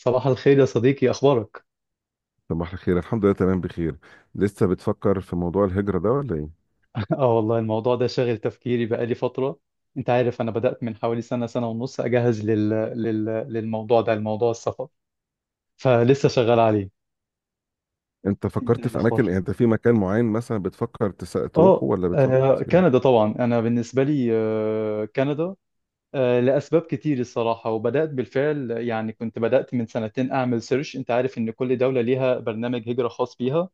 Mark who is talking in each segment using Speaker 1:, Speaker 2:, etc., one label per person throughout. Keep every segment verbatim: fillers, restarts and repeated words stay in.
Speaker 1: صباح الخير يا صديقي، اخبارك؟
Speaker 2: صباح الخير، الحمد لله تمام بخير. لسه بتفكر في موضوع الهجرة ده ولا ايه؟
Speaker 1: اه والله الموضوع ده شاغل تفكيري بقالي فتره. انت عارف انا بدات من حوالي سنه، سنه ونص اجهز لل... لل... للموضوع ده، الموضوع السفر، فلسه شغال عليه.
Speaker 2: انت
Speaker 1: انت ايه
Speaker 2: فكرت في اماكن؟
Speaker 1: الاخبار؟
Speaker 2: يعني انت في مكان معين مثلا بتفكر تس... تروحه
Speaker 1: اه
Speaker 2: ولا بتفكر
Speaker 1: آه،
Speaker 2: في
Speaker 1: كندا
Speaker 2: ايه؟
Speaker 1: طبعا. انا بالنسبه لي آه، كندا، آه، لاسباب كتير الصراحه. وبدات بالفعل، يعني كنت بدات من سنتين اعمل سيرش. انت عارف ان كل دوله ليها برنامج هجره خاص بيها.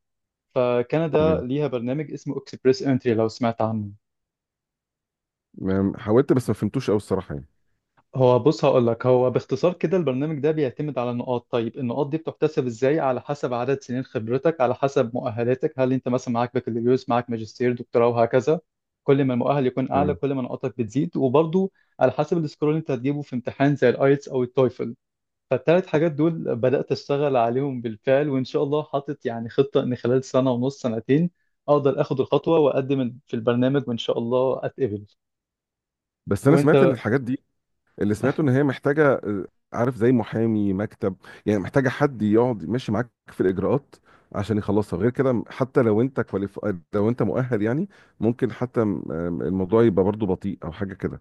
Speaker 1: فكندا
Speaker 2: تمام.
Speaker 1: ليها برنامج اسمه اكسبريس انتري، لو سمعت عنه.
Speaker 2: ما- حاولت بس ما فهمتوش قوي الصراحة يعني.
Speaker 1: هو بص، هقول لك، هو باختصار كده البرنامج ده بيعتمد على نقاط. طيب النقاط دي بتحتسب ازاي؟ على حسب عدد سنين خبرتك، على حسب مؤهلاتك، هل انت مثلا معاك بكالوريوس، معاك ماجستير، دكتوراه، وهكذا. كل ما المؤهل يكون اعلى
Speaker 2: تمام.
Speaker 1: كل ما نقاطك بتزيد. وبرضو على حسب السكور اللي انت هتجيبه في امتحان زي الايتس او التويفل. فالثلاث حاجات دول بدأت اشتغل عليهم بالفعل، وان شاء الله حاطط يعني خطة ان خلال سنة ونص، سنتين، اقدر اخد الخطوة واقدم في البرنامج وان شاء الله اتقبل.
Speaker 2: بس انا
Speaker 1: وانت؟
Speaker 2: سمعت ان الحاجات دي، اللي سمعته ان هي محتاجة آه، عارف، زي محامي مكتب، يعني محتاجة حد يقعد ماشي معاك في الاجراءات عشان يخلصها. غير كده حتى لو انت كواليف... لو انت مؤهل يعني، ممكن حتى آم، الموضوع يبقى برضه بطيء او حاجة كده.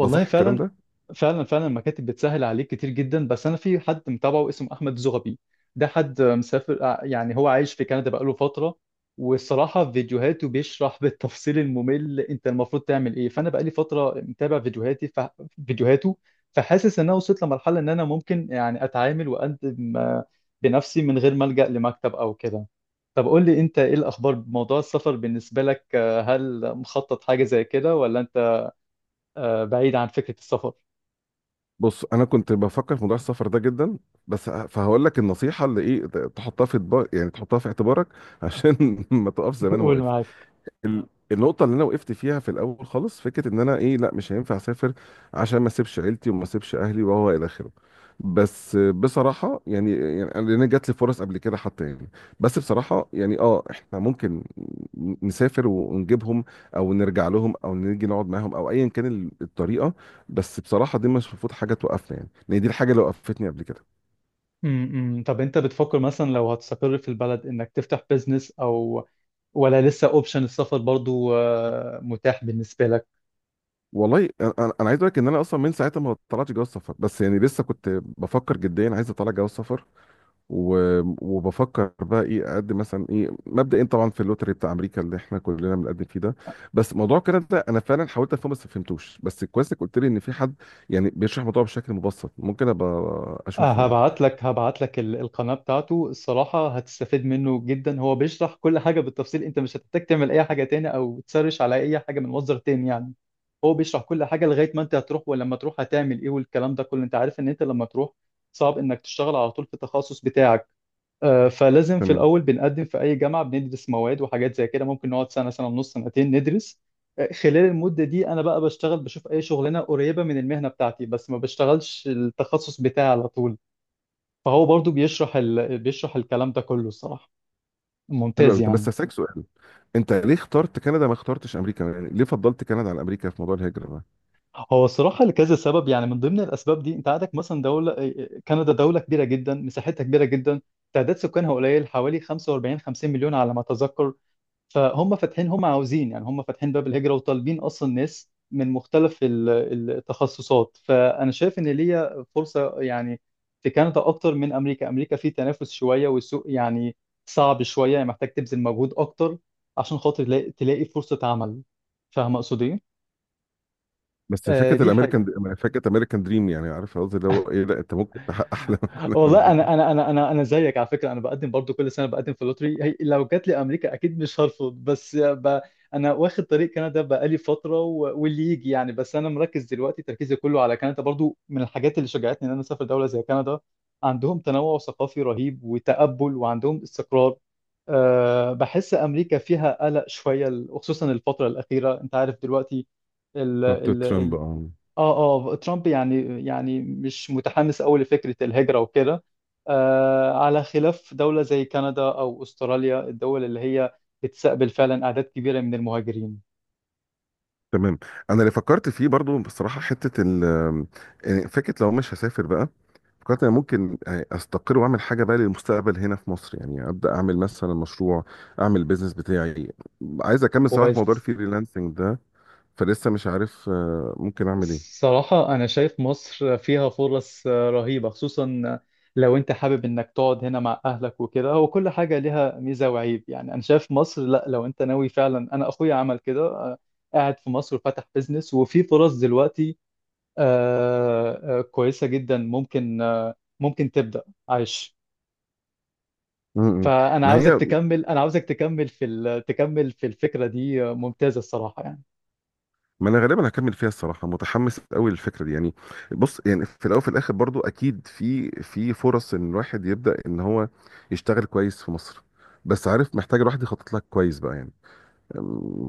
Speaker 2: ده صح الكلام
Speaker 1: فعلا،
Speaker 2: ده؟
Speaker 1: فعلا، فعلا المكاتب بتسهل عليك كتير جدا، بس انا في حد متابعه اسمه احمد زغبي. ده حد مسافر، آه، يعني هو عايش في كندا بقاله فتره. والصراحه فيديوهاته بيشرح بالتفصيل الممل انت المفروض تعمل ايه. فانا بقالي فتره متابع فيديوهاتي ف... فيديوهاته. فحاسس ان انا وصلت لمرحله ان انا ممكن يعني اتعامل واقدم آه، بنفسي من غير ما الجا لمكتب او كده. طب قول لي انت ايه الاخبار بموضوع السفر بالنسبه لك؟ آه، هل مخطط حاجه زي كده ولا آه، بعيد عن فكرة السفر؟
Speaker 2: بص، انا كنت بفكر في موضوع السفر ده جدا، بس ه- فهقول لك النصيحه اللي ايه، ت- تحطها في اطبا- يعني تحطها في اعتبارك عشان ما تقفش زي ما انا
Speaker 1: قول،
Speaker 2: وقفت.
Speaker 1: معاك.
Speaker 2: ال- النقطة اللي أنا وقفت فيها في الأول خالص، فكرة إن أنا إيه، لأ مش هينفع أسافر عشان ما أسيبش عيلتي وما أسيبش أهلي وهو إلى آخره. بس بصراحة يعني، يعني أنا- لأن جات لي فرص قبل كده حتى يعني. بس بصراحة يعني، أه، إحنا ممكن نسافر ونجيبهم، أو نرجع لهم، أو نيجي نقعد معاهم، أو أيا كان ال- الطريقة. بس بصراحة دي مش المفروض حاجة توقفنا يعني، لأن دي الحاجة اللي وقفتني قبل كده.
Speaker 1: امم طب انت بتفكر مثلا لو هتستقر في البلد انك تفتح بيزنس، او ولا لسه اوبشن السفر برضو آه، متاح بالنسبة لك؟
Speaker 2: والله أنا، أنا- أنا عايز أقول لك إن أنا أصلا من ساعتها ما طلعتش جواز سفر، بس يعني لسه كنت بفكر جديا، عايز أطلع جواز سفر و- وبفكر بقى ايه اقدم مثلا. ايه مبدئيا؟ طبعا في اللوتري بتاع امريكا اللي احنا كلنا بنقدم فيه ده. بس موضوع كده ده انا فعلا حاولت افهمه بس ما فهمتوش. بس كويس انك قلت لي ان في حد يعني بيشرح الموضوع بشكل مبسط، ممكن ابقى
Speaker 1: آه،
Speaker 2: اشوفه يعني.
Speaker 1: هبعت لك، هبعت لك ال- القناة بتاعته. الصراحة هتستفيد منه جدا، هو بيشرح كل حاجة بالتفصيل. انت مش هتحتاج تعمل اي حاجة تاني او تسرش على اي حاجة من مصدر تاني يعني. هو بيشرح كل حاجة لغاية ما انت هتروح، ولما تروح هتعمل ايه، والكلام ده كله. انت عارف ان انت لما تروح صعب انك تشتغل على طول في التخصص بتاعك. آه، فلازم في
Speaker 2: تمام.
Speaker 1: الاول بنقدم في اي جامعه، بندرس مواد وحاجات زي كده، ممكن نقعد سنه، سنه ونص، سنتين ندرس. آه، خلال المده دي انا بقى بشتغل، بشوف اي شغلانه قريبه من المهنه بتاعتي، بس ما بشتغلش التخصص بتاعي على طول. فهو برضو بيشرح ال... بيشرح الكلام ده كله الصراحه،
Speaker 2: حلو
Speaker 1: ممتاز
Speaker 2: قوي. طب بس
Speaker 1: يعني.
Speaker 2: هسألك سؤال، انت ليه اخترت كندا ما اخترتش امريكا؟ يعني ليه فضلت كندا عن امريكا في موضوع الهجره ده؟
Speaker 1: هو الصراحه لكذا سبب. يعني من ضمن الاسباب دي انت عندك مثلا دوله، آه، آه، كندا دوله كبيره جدا، مساحتها كبيره جدا، تعداد سكانها قليل حوالي خمسة واربعين خمسين مليون على ما اتذكر. فهم فاتحين، هم عاوزين، يعني هم فاتحين باب الهجرة وطالبين أصلا ناس من مختلف ال- التخصصات. فأنا شايف إن ليا فرصة يعني في كندا أكتر من أمريكا. أمريكا فيه تنافس شوية، والسوق يعني صعب شوية، يعني محتاج تبذل مجهود أكتر عشان خاطر تلاقي، تلاقي فرصة عمل. فاهم أقصد إيه؟
Speaker 2: بس
Speaker 1: آه،
Speaker 2: فكره
Speaker 1: دي حاجة.
Speaker 2: الامريكان، فكره امريكان دريم، يعني عارف قصدي اللي هو ايه؟ لا، انت ممكن تحقق احلامك كلها في
Speaker 1: والله
Speaker 2: امريكا.
Speaker 1: انا انا انا انا انا زيك على فكره، انا بقدم برضو كل سنه بقدم في لوتري، هي لو جات لي امريكا اكيد مش هرفض، بس ب... انا واخد طريق كندا بقالي فتره و... واللي يجي يعني. بس انا مركز دلوقتي، تركيزي كله على كندا. برضو من الحاجات اللي شجعتني ان انا اسافر دوله زي كندا عندهم تنوع ثقافي رهيب وتقبل، وعندهم استقرار. أه بحس امريكا فيها قلق شويه خصوصا الفتره الاخيره، انت عارف دلوقتي،
Speaker 2: بتاعت ترامب، اه.
Speaker 1: اه اه ترامب يعني، يعني مش متحمس قوي لفكرة الهجرة وكده. آه على خلاف دولة زي كندا او استراليا، الدول اللي هي بتستقبل فعلا اعداد كبيرة من المهاجرين.
Speaker 2: تمام. انا اللي فكرت فيه برضو بصراحه، حته ال، يعني فكره لو مش هسافر بقى، فكرت انا ممكن آه، استقر واعمل حاجه بقى للمستقبل هنا في مصر، يعني ابدا اعمل مثلا مشروع، اعمل بيزنس بتاعي. عايز اكمل صراحه موضوع
Speaker 1: كويس.
Speaker 2: الفريلانسنج ده، فلسه مش عارف آه، ممكن اعمل ايه.
Speaker 1: الصراحة أنا شايف مصر فيها فرص رهيبة، خصوصا لو أنت حابب إنك تقعد هنا مع أهلك وكده. هو كل حاجة ليها ميزة وعيب، يعني أنا شايف مصر، لأ، لو أنت ناوي فعلا، أنا أخويا عمل كده، آه، قاعد في مصر وفتح بيزنس، وفي فرص دلوقتي آه، آه، كويسة جدا، ممكن آه، ممكن تبدأ عايش.
Speaker 2: م- م.
Speaker 1: فأنا
Speaker 2: ما
Speaker 1: عاوزك
Speaker 2: هي،
Speaker 1: تكمل، أنا عاوزك تكمل في ال- تكمل في الفكرة دي، آه، ممتازة الصراحة يعني.
Speaker 2: ما انا غالبا هكمل فيها الصراحه، متحمس قوي للفكره دي يعني. بص، يعني في الاول وفي الاخر برضو اكيد في في فرص ان الواحد يبدا ان هو يشتغل كويس في مصر، بس عارف، محتاج الواحد يخطط لك كويس بقى يعني،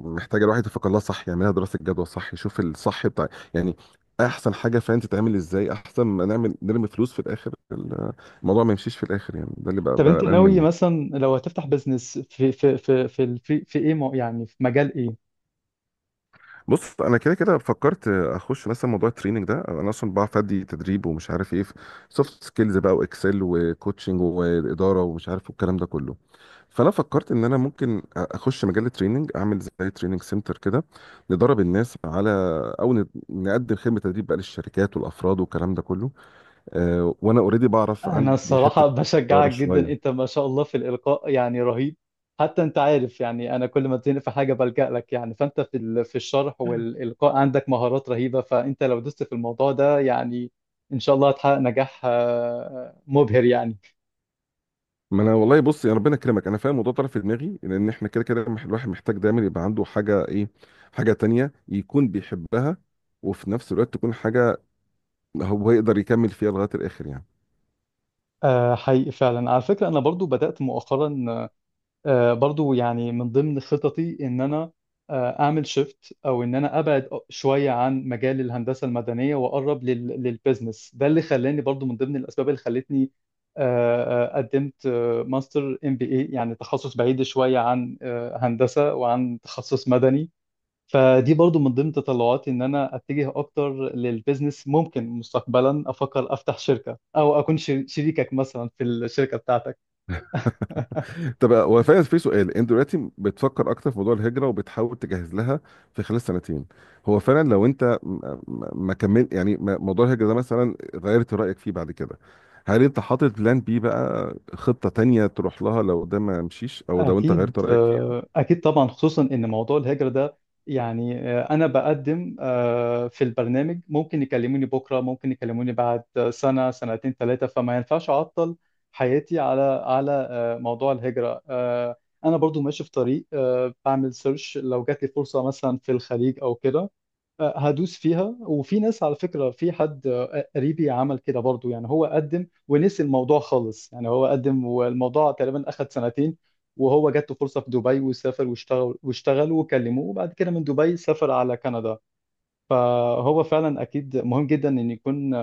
Speaker 2: محتاجه الواحد يفكر لها صح، يعملها دراسه جدوى صح، يشوف الصح بتاع يعني احسن حاجه فعلا تتعمل ازاي، احسن ما نعمل نرمي فلوس في الاخر ال- الموضوع ما يمشيش في الاخر يعني. ده اللي بقى
Speaker 1: طب
Speaker 2: بقى
Speaker 1: أنت
Speaker 2: قلقان
Speaker 1: ناوي
Speaker 2: منه.
Speaker 1: مثلا لو هتفتح بزنس في في في في في, في, إيه، مو- يعني في مجال إيه؟
Speaker 2: بص، انا كده كده فكرت اخش مثلا موضوع التريننج ده. انا اصلا بعرف ادي تدريب ومش عارف ايه، سوفت سكيلز بقى، واكسل، وكوتشنج، واداره، ومش عارف الكلام ده كله. فانا فكرت ان انا ممكن اخش مجال التريننج، اعمل زي تريننج سنتر كده، ندرب الناس على، او ن- نقدم خدمه تدريب بقى للشركات والافراد والكلام ده كله. آه، وانا اوريدي بعرف،
Speaker 1: انا
Speaker 2: عندي حته
Speaker 1: الصراحه
Speaker 2: اداره
Speaker 1: بشجعك جدا،
Speaker 2: شويه.
Speaker 1: انت ما شاء الله في الالقاء يعني رهيب. حتى انت عارف يعني انا كل ما بتزنق في حاجه بلجأ لك يعني. فانت في ال- في الشرح والالقاء عندك مهارات رهيبه، فانت لو دوست في الموضوع ده يعني ان شاء الله هتحقق نجاح آه، مبهر يعني.
Speaker 2: ما انا والله بص، يا ربنا يكرمك، انا فاهم الموضوع طرف في دماغي، لان احنا كده كده مح- الواحد محتاج دايما يبقى عنده حاجه، ايه، حاجه تانية يكون بيحبها، وفي نفس الوقت تكون حاجه هو يقدر يكمل فيها لغايه الاخر يعني.
Speaker 1: آه، حقيقي فعلا. على فكره انا برضو بدأت مؤخرا، آه، برضو يعني من ضمن خططي ان انا آه، اعمل شيفت، او ان انا ابعد شويه عن مجال الهندسه المدنيه واقرب لل- للبيزنس ده. اللي خلاني برضو من ضمن الاسباب اللي خلتني آه، آه، قدمت آه، ماستر ام بي اي، يعني تخصص بعيد شويه عن آه، هندسه وعن تخصص مدني. فدي برضو من ضمن تطلعاتي ان انا اتجه اكتر للبيزنس. ممكن مستقبلا افكر افتح شركه، او اكون شر- شريكك مثلا في الشركه بتاعتك.
Speaker 2: طب، هو فعلا في سؤال، انت دلوقتي بتفكر اكتر في موضوع الهجره وبتحاول تجهز لها في خلال سنتين، هو فعلا لو انت م- م- ما كمل يعني، ما- موضوع الهجره ده مثلا غيرت رايك فيه بعد كده، هل انت حاطط بلان بي بقى، خطه تانية تروح لها لو ده ما مشيش او لو انت غيرت
Speaker 1: أكيد،
Speaker 2: رايك فيها؟
Speaker 1: آه، أكيد طبعا. خصوصا إن موضوع الهجرة ده يعني، آه، أنا بقدم آه، في البرنامج، ممكن يكلموني بكرة، ممكن يكلموني بعد سنة، سنتين، ثلاثة، فما ينفعش أعطل حياتي على على آه، موضوع الهجرة. آه، أنا برضو ماشي في طريق، آه، بعمل سيرش لو جات لي فرصة مثلا في الخليج أو كده هدوس فيها. وفي ناس، على فكرة، في حد قريبي عمل كده برضو يعني، هو قدم ونسي الموضوع خالص يعني، هو قدم والموضوع تقريبا أخد سنتين، وهو جات له فرصة في دبي وسافر واشتغل، واشتغل وكلموه وبعد كده من دبي سافر على كندا. فهو فعلا أكيد مهم جدا إن يكون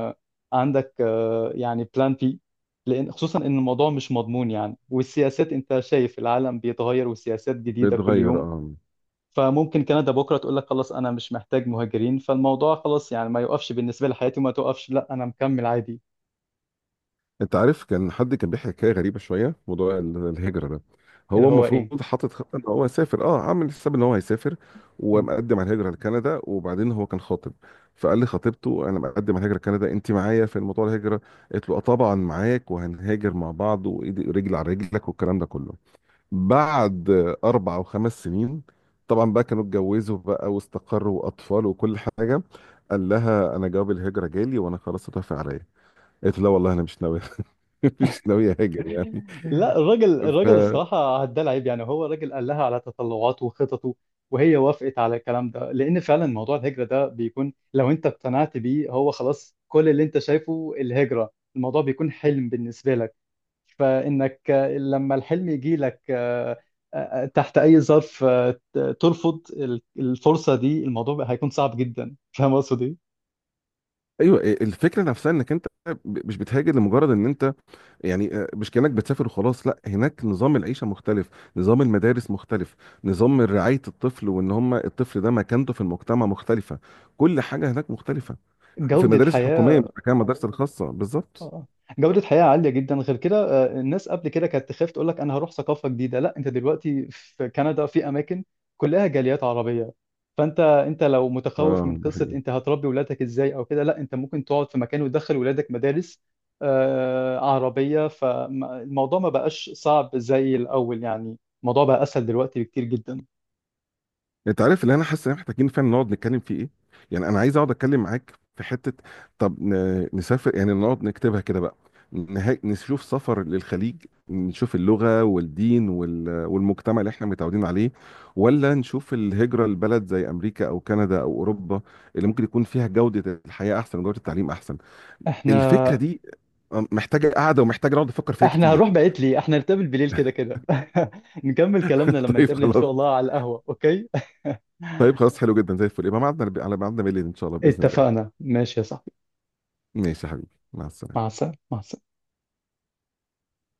Speaker 1: عندك آه، يعني بلان بي. لأن خصوصا إن الموضوع مش مضمون يعني، والسياسات أنت شايف العالم بيتغير والسياسات جديدة كل
Speaker 2: بتغير،
Speaker 1: يوم.
Speaker 2: اه.
Speaker 1: فممكن كندا بكره تقول لك خلاص انا مش محتاج مهاجرين، فالموضوع خلاص يعني ما يوقفش بالنسبه لحياتي وما توقفش، لا انا مكمل عادي.
Speaker 2: انت عارف كان حد كان بيحكي حكايه غريبه شويه، موضوع ال- الهجره ده،
Speaker 1: اللي
Speaker 2: هو
Speaker 1: هو ايه؟
Speaker 2: المفروض حاطط خطه ان هو يسافر، اه عامل حساب ان هو هيسافر
Speaker 1: مم.
Speaker 2: ومقدم على الهجره لكندا، وبعدين هو كان خاطب، فقال لخطيبته انا مقدم على الهجره لكندا، انت معايا في موضوع الهجره؟ قالت له اه طبعا معاك، وهنهاجر مع بعض، وايدي رجل على رجلك، والكلام ده كله. بعد اربع او خمس سنين، طبعا بقى كانوا اتجوزوا بقى، واستقروا، واطفال، وكل حاجه، قال لها انا جواب الهجره جالي وانا خلاص اتوافق عليا. قالت له لا والله انا مش ناوي، مش ناوي اهاجر يعني.
Speaker 1: لا، الراجل،
Speaker 2: ف
Speaker 1: الراجل الصراحه ده العيب يعني، هو الراجل قال لها على تطلعاته وخططه، وهي وافقت على الكلام ده. لان فعلا موضوع الهجره ده بيكون لو انت اقتنعت بيه هو خلاص كل اللي انت شايفه الهجره، الموضوع بيكون حلم بالنسبه لك. فإنك لما الحلم يجي لك آه، آه، آه، تحت أي ظرف آه، ترفض الفرصة دي، الموضوع هيكون صعب جدا. فاهم قصدي؟
Speaker 2: ايوه، الفكره نفسها، انك انت ب- مش بتهاجر لمجرد ان انت يعني آه، مش كانك بتسافر وخلاص. لا، هناك نظام العيشه مختلف، نظام المدارس مختلف، نظام رعايه الطفل وان هم الطفل ده مكانته في المجتمع مختلفه، كل حاجه هناك مختلفه. في
Speaker 1: جودة
Speaker 2: المدارس الحكوميه،
Speaker 1: حياة.
Speaker 2: مش مكان المدارس الخاصه
Speaker 1: اه
Speaker 2: بالظبط.
Speaker 1: آه. جودة حياة عالية جدا. غير كده آه، الناس قبل كده كانت تخاف تقول لك انا هروح ثقافة جديدة، لا، انت دلوقتي في كندا في اماكن كلها جاليات عربية. فانت، انت لو متخوف من
Speaker 2: اه، ده
Speaker 1: قصة
Speaker 2: حقيقي.
Speaker 1: انت هتربي ولادك ازاي او كده، لا انت ممكن تقعد في مكان وتدخل ولادك مدارس آه، عربية. فالموضوع ما بقاش صعب زي الاول يعني، الموضوع بقى اسهل دلوقتي بكتير جدا.
Speaker 2: انت عارف اللي انا حاسس ان احنا محتاجين فعلا نقعد نتكلم فيه ايه؟ يعني انا عايز اقعد اتكلم معاك في حته، طب ن- نسافر يعني، نقعد نكتبها كده بقى، نها- نشوف سفر للخليج، نشوف اللغه والدين وال- والمجتمع اللي احنا متعودين عليه، ولا نشوف الهجره لبلد زي امريكا او كندا او اوروبا، اللي ممكن يكون فيها جوده الحياه احسن وجوده التعليم احسن.
Speaker 1: احنا
Speaker 2: الفكره دي محتاجه قاعده، ومحتاجه نقعد نفكر فيها
Speaker 1: احنا هنروح
Speaker 2: كتير.
Speaker 1: بعيد ليه؟ احنا نتقابل بالليل كده كده نكمل كلامنا لما
Speaker 2: طيب،
Speaker 1: نتقابل ان
Speaker 2: خلاص.
Speaker 1: شاء الله على القهوة، اوكي؟
Speaker 2: طيب خلاص، حلو جدا، زي الفل. يبقى ميعادنا على ميعادنا بالليل ان شاء الله، باذن الله.
Speaker 1: اتفقنا، ماشي يا صاحبي.
Speaker 2: ماشي يا حبيبي، مع
Speaker 1: مع
Speaker 2: السلامة.
Speaker 1: السلامة، مع السلامة.